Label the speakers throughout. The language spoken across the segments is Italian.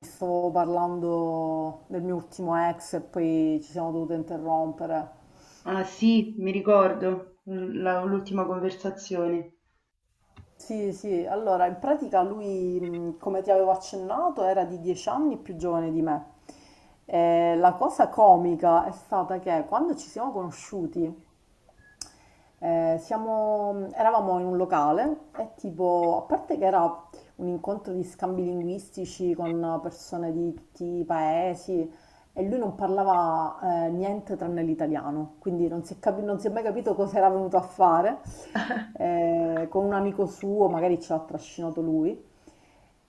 Speaker 1: Stavo parlando del mio ultimo ex e poi ci siamo dovuti interrompere.
Speaker 2: Ah sì, mi ricordo l'ultima conversazione.
Speaker 1: Sì, sì, allora in pratica lui, come ti avevo accennato, era di 10 anni più giovane di me. E la cosa comica è stata che quando ci siamo conosciuti, eravamo in un locale e tipo, a parte che era un incontro di scambi linguistici con persone di tutti i paesi e lui non parlava niente tranne l'italiano, quindi non si è mai capito cosa era venuto a fare. Con un amico suo, magari ce l'ha trascinato lui.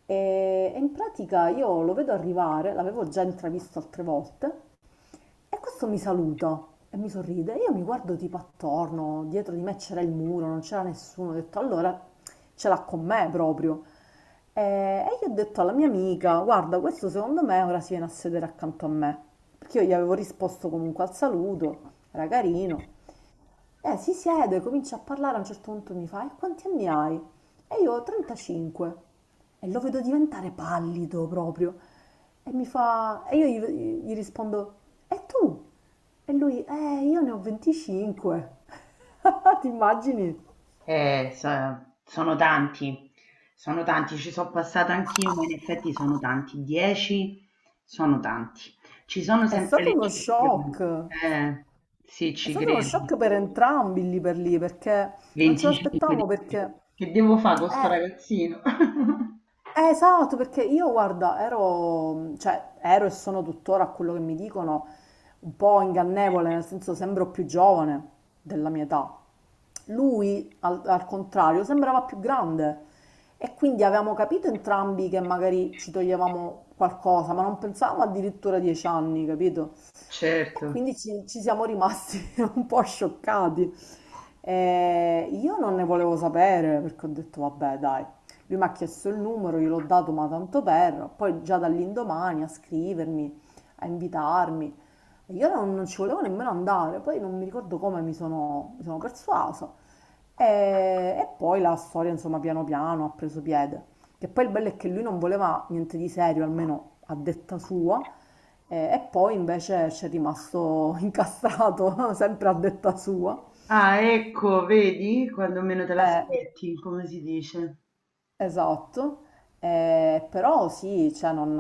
Speaker 1: E in pratica io lo vedo arrivare, l'avevo già intravisto altre volte, e questo mi saluta e mi sorride. Io mi guardo tipo attorno, dietro di me c'era il muro, non c'era nessuno. Ho detto, allora ce l'ha con me proprio. E io ho detto alla mia amica, guarda, questo secondo me ora si viene a sedere accanto a me. Perché io gli avevo risposto comunque al saluto, era carino. Si siede, comincia a parlare, a un certo punto mi fa: "E quanti anni hai?" E io: "35". E lo vedo diventare pallido proprio. E mi fa e io gli rispondo: "E tu?" E lui: io ne ho 25." Ti immagini?
Speaker 2: Sono tanti, sono tanti, ci sono passata anch'io, ma in effetti sono tanti, 10 sono tanti. Ci sono
Speaker 1: È
Speaker 2: sempre le
Speaker 1: stato uno
Speaker 2: eccezioni.
Speaker 1: shock.
Speaker 2: Sì,
Speaker 1: È
Speaker 2: ci
Speaker 1: stato uno
Speaker 2: credo.
Speaker 1: shock per entrambi lì per lì, perché non ce
Speaker 2: 25
Speaker 1: l'aspettavamo perché
Speaker 2: dici. Che devo fare con sto
Speaker 1: eh
Speaker 2: ragazzino?
Speaker 1: Esatto, perché io guarda, ero, cioè, ero e sono tuttora, a quello che mi dicono, un po' ingannevole, nel senso sembro più giovane della mia età. Lui, al contrario, sembrava più grande e quindi avevamo capito entrambi che magari ci toglievamo qualcosa, ma non pensavamo addirittura a 10 anni, capito? E
Speaker 2: Certo.
Speaker 1: quindi ci siamo rimasti un po' scioccati. Io non ne volevo sapere perché ho detto, vabbè, dai. Lui mi ha chiesto il numero, gliel'ho dato ma tanto per, poi già dall'indomani a scrivermi, a invitarmi. E io non ci volevo nemmeno andare, poi non mi ricordo come mi sono persuasa. E, e poi la storia, insomma, piano piano ha preso piede. Che poi il bello è che lui non voleva niente di serio, almeno a detta sua, e poi invece ci è rimasto incastrato, sempre a detta sua.
Speaker 2: Ah, ecco, vedi, quando meno te
Speaker 1: Eh,
Speaker 2: l'aspetti, come si dice.
Speaker 1: Esatto, però sì, cioè non,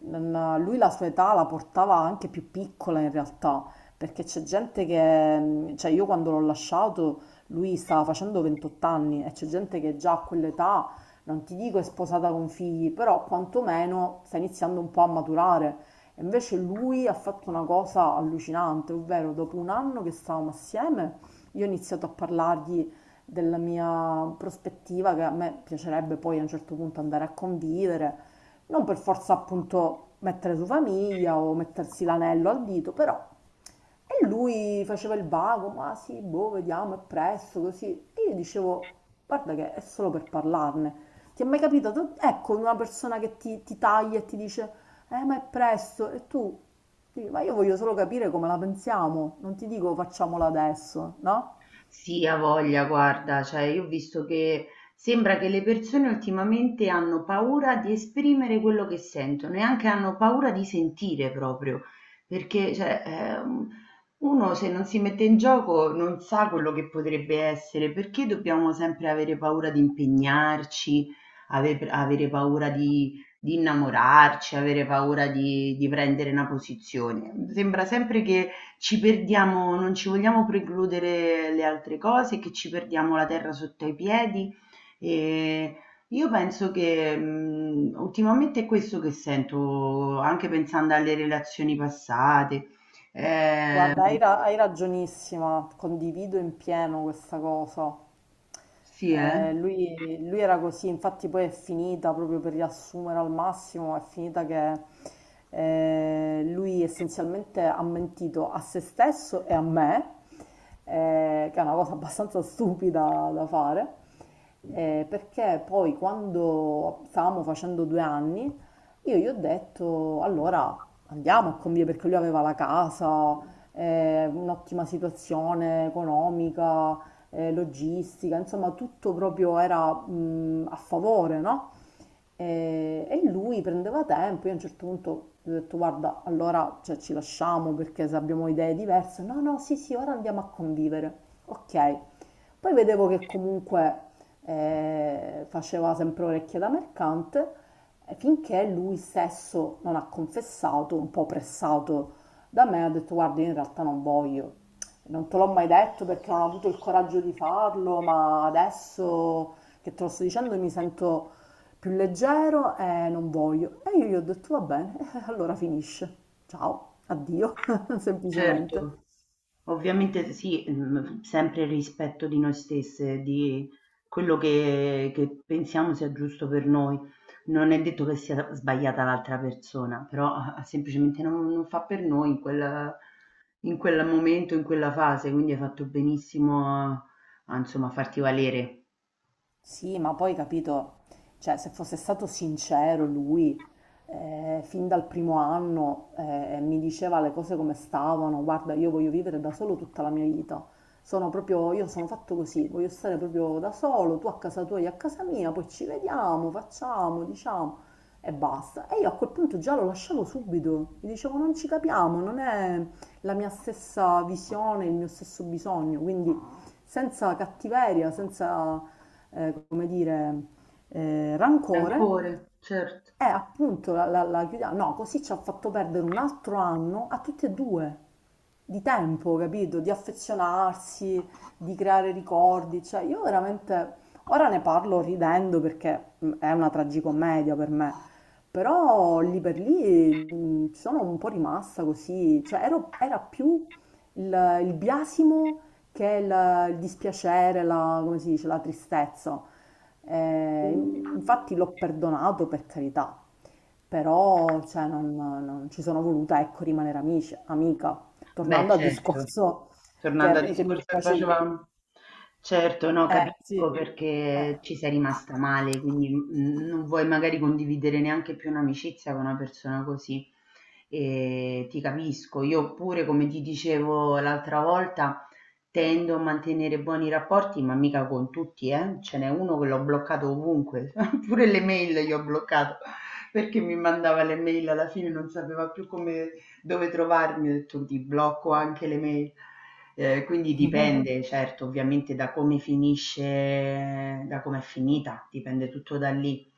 Speaker 1: non- lui la sua età la portava anche più piccola in realtà, perché c'è gente che, cioè io quando l'ho lasciato lui stava facendo 28 anni e c'è gente che già a quell'età, non ti dico è sposata con figli, però quantomeno sta iniziando un po' a maturare. E invece lui ha fatto una cosa allucinante, ovvero dopo un anno che stavamo assieme, io ho iniziato a parlargli della mia prospettiva, che a me piacerebbe poi a un certo punto andare a convivere, non per forza appunto mettere su famiglia o mettersi l'anello al dito, però. E lui faceva il vago, ma sì, boh, vediamo, è presto, così. E io dicevo, guarda che è solo per parlarne. Ti è mai capitato? Ecco, una persona che ti taglia e ti dice, ma è presto, e tu dici, ma io voglio solo capire come la pensiamo, non ti dico facciamola adesso, no?
Speaker 2: Sì, ha voglia, guarda, cioè io ho visto che sembra che le persone ultimamente hanno paura di esprimere quello che sentono e anche hanno paura di sentire proprio, perché cioè, uno se non si mette in gioco non sa quello che potrebbe essere, perché dobbiamo sempre avere paura di impegnarci, avere paura di innamorarci, avere paura di prendere una posizione. Sembra sempre che ci perdiamo non ci vogliamo precludere le altre cose, che ci perdiamo la terra sotto ai piedi. E io penso che ultimamente è questo che sento, anche pensando alle relazioni passate. Eh,
Speaker 1: Guarda, hai ragionissima, condivido in pieno questa cosa.
Speaker 2: sì,
Speaker 1: Lui era così, infatti poi è finita, proprio per riassumere al massimo, è finita che lui essenzialmente ha mentito a se stesso e a me, che è una cosa abbastanza stupida da fare, perché poi quando stavamo facendo 2 anni, io gli ho detto, allora andiamo a convivere, perché lui aveva la casa, un'ottima situazione economica, logistica, insomma tutto proprio era a favore, no? E lui prendeva tempo, io a un certo punto gli ho detto guarda, allora cioè, ci lasciamo perché se abbiamo idee diverse, no, no, sì, sì, ora andiamo a convivere, ok. Poi vedevo che comunque faceva sempre orecchie da mercante, finché lui stesso non ha confessato, un po' pressato da me, ho detto guarda, io in realtà non voglio, non te l'ho mai detto perché non ho avuto il coraggio di farlo, ma adesso che te lo sto dicendo mi sento più leggero e non voglio. E io gli ho detto va bene, allora finisce. Ciao, addio, semplicemente.
Speaker 2: certo. Ovviamente sì, mhmm, sempre il rispetto di noi stesse, di quello che pensiamo sia giusto per noi. Non è detto che sia sbagliata l'altra persona, però, semplicemente non fa per noi in quel momento, in quella fase, quindi hai fatto benissimo a insomma farti valere.
Speaker 1: Sì, ma poi capito, cioè se fosse stato sincero lui, fin dal primo anno mi diceva le cose come stavano, guarda, io voglio vivere da solo tutta la mia vita. Sono proprio, io sono fatto così, voglio stare proprio da solo, tu a casa tua, io a casa mia, poi ci vediamo, facciamo, diciamo e basta. E io a quel punto già lo lasciavo subito, mi dicevo non ci capiamo, non è la mia stessa visione, il mio stesso bisogno, quindi senza cattiveria, senza come dire, rancore,
Speaker 2: Rancore, cer
Speaker 1: è appunto la chiudiamo. No, così ci ha fatto perdere un altro anno a tutti e due di tempo, capito? Di affezionarsi, di creare ricordi. Cioè, io veramente ora ne parlo ridendo perché è una tragicommedia per me. Però lì per lì sono un po' rimasta così, era più il biasimo che il dispiacere, la, come si dice, la tristezza. Eh, infatti l'ho perdonato per carità, però cioè, non ci sono voluta, ecco, rimanere amici, amica.
Speaker 2: Beh,
Speaker 1: Tornando al
Speaker 2: certo.
Speaker 1: discorso
Speaker 2: Tornando al
Speaker 1: che mi
Speaker 2: discorso che
Speaker 1: facevi.
Speaker 2: facevam Certo, no,
Speaker 1: Sì,
Speaker 2: capisco
Speaker 1: eh,
Speaker 2: perché ci sei rimasta male, quindi, mhmm, non vuoi magari condividere neanche più un'amicizia con una persona così. Ti capisco. Io pure, come ti dicevo l'altra volta, tendo a mantenere buoni rapporti, ma mica con tutti, eh. Ce n'è uno che l'ho bloccato ovunque, pure le mail gli ho bloccato, perché mi mandava le mail alla fine non sapeva più come dove trovarmi? Ho detto: "Ti blocco anche le mail". Quindi dipende, certo, ovviamente da come finisce da com'è finita, dipende tutto da lì.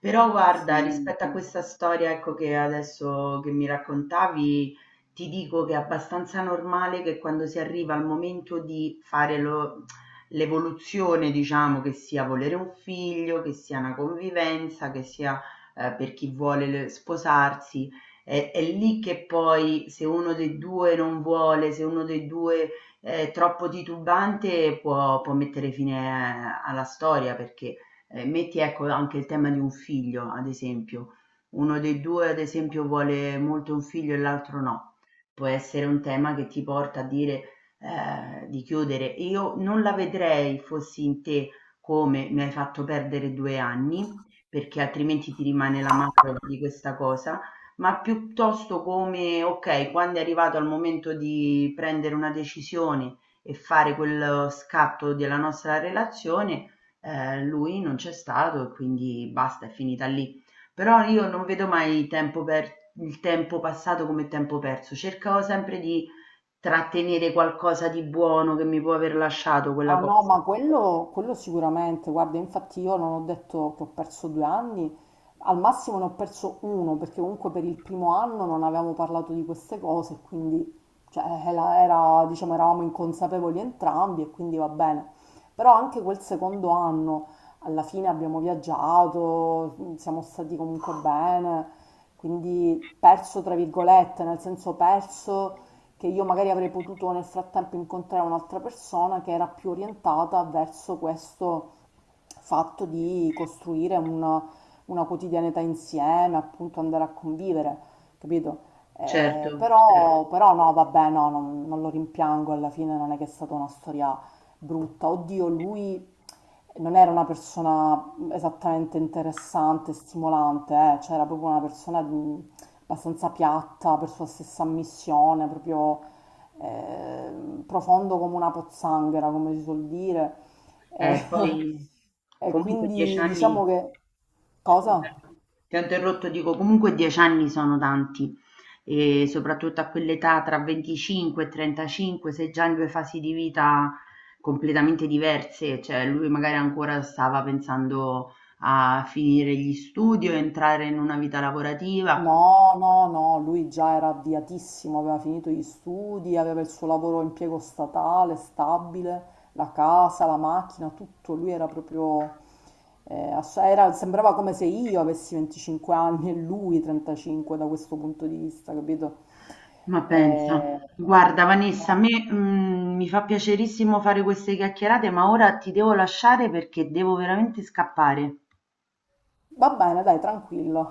Speaker 2: Però guarda,
Speaker 1: sì.
Speaker 2: rispetto a
Speaker 1: Sì.
Speaker 2: questa storia, ecco, che adesso che mi raccontavi, ti dico che è abbastanza normale che quando si arriva al momento di fare lo l'evoluzione, diciamo, che sia volere un figlio, che sia una convivenza, che sia, per chi vuole le sposarsi, è lì che poi se uno dei 2 non vuole, se uno dei 2 è troppo titubante può mettere fine alla storia perché, metti ecco anche il tema di un figlio, ad esempio. Uno dei 2 ad esempio vuole molto un figlio e l'altro no. Può essere un tema che ti porta a dire, di chiudere. Io non la vedrei, fossi in te, come: "Mi hai fatto perdere 2 anni", perché altrimenti ti rimane l'amaro di questa cosa ma piuttosto come: okay, quando è arrivato al momento di prendere una decisione e fare quello scatto della nostra relazione, lui non c'è stato e quindi basta, è finita lì. Però io non vedo mai tempo per il tempo passato come tempo perso, cercavo sempre di trattenere qualcosa di buono che mi può aver lasciato quella
Speaker 1: Ah no,
Speaker 2: cosa.
Speaker 1: ma quello sicuramente, guarda, infatti io non ho detto che ho perso 2 anni, al massimo ne ho perso uno, perché comunque per il primo anno non avevamo parlato di queste cose, quindi cioè, diciamo, eravamo inconsapevoli entrambi e quindi va bene. Però anche quel secondo anno, alla fine abbiamo viaggiato, siamo stati comunque bene, quindi perso tra virgolette, nel senso perso che io magari avrei potuto nel frattempo incontrare un'altra persona che era più orientata verso questo fatto di costruire una quotidianità insieme, appunto andare a convivere, capito?
Speaker 2: Certo. cer
Speaker 1: Però, però no, vabbè, no, non lo rimpiango, alla fine non è che è stata una storia brutta. Oddio, lui non era una persona esattamente interessante, stimolante, cioè era proprio una persona di- abbastanza piatta per sua stessa ammissione, proprio profondo come una pozzanghera, come si suol dire. E,
Speaker 2: poi
Speaker 1: e
Speaker 2: Comunque 10
Speaker 1: quindi
Speaker 2: anni,
Speaker 1: diciamo che...
Speaker 2: scusa,
Speaker 1: Cosa?
Speaker 2: ti ho interrotto, dico comunque 10 anni sono tanti e soprattutto a quell'età tra 25 e 35 sei già in due fasi di vita completamente diverse, cioè lui magari ancora stava pensando a finire gli studi o entrare in una vita lavorativa,
Speaker 1: No, no, no, lui già era avviatissimo, aveva finito gli studi, aveva il suo lavoro a impiego statale, stabile, la casa, la macchina, tutto. Lui era proprio, ass- era- sembrava come se io avessi 25 anni e lui 35 da questo punto di vista, capito?
Speaker 2: ma pensa,
Speaker 1: Eh,
Speaker 2: guarda Vanessa, a
Speaker 1: no.
Speaker 2: me mi fa piacerissimo fare queste chiacchierate, ma ora ti devo lasciare perché devo veramente scappare.
Speaker 1: Va bene, dai, tranquillo.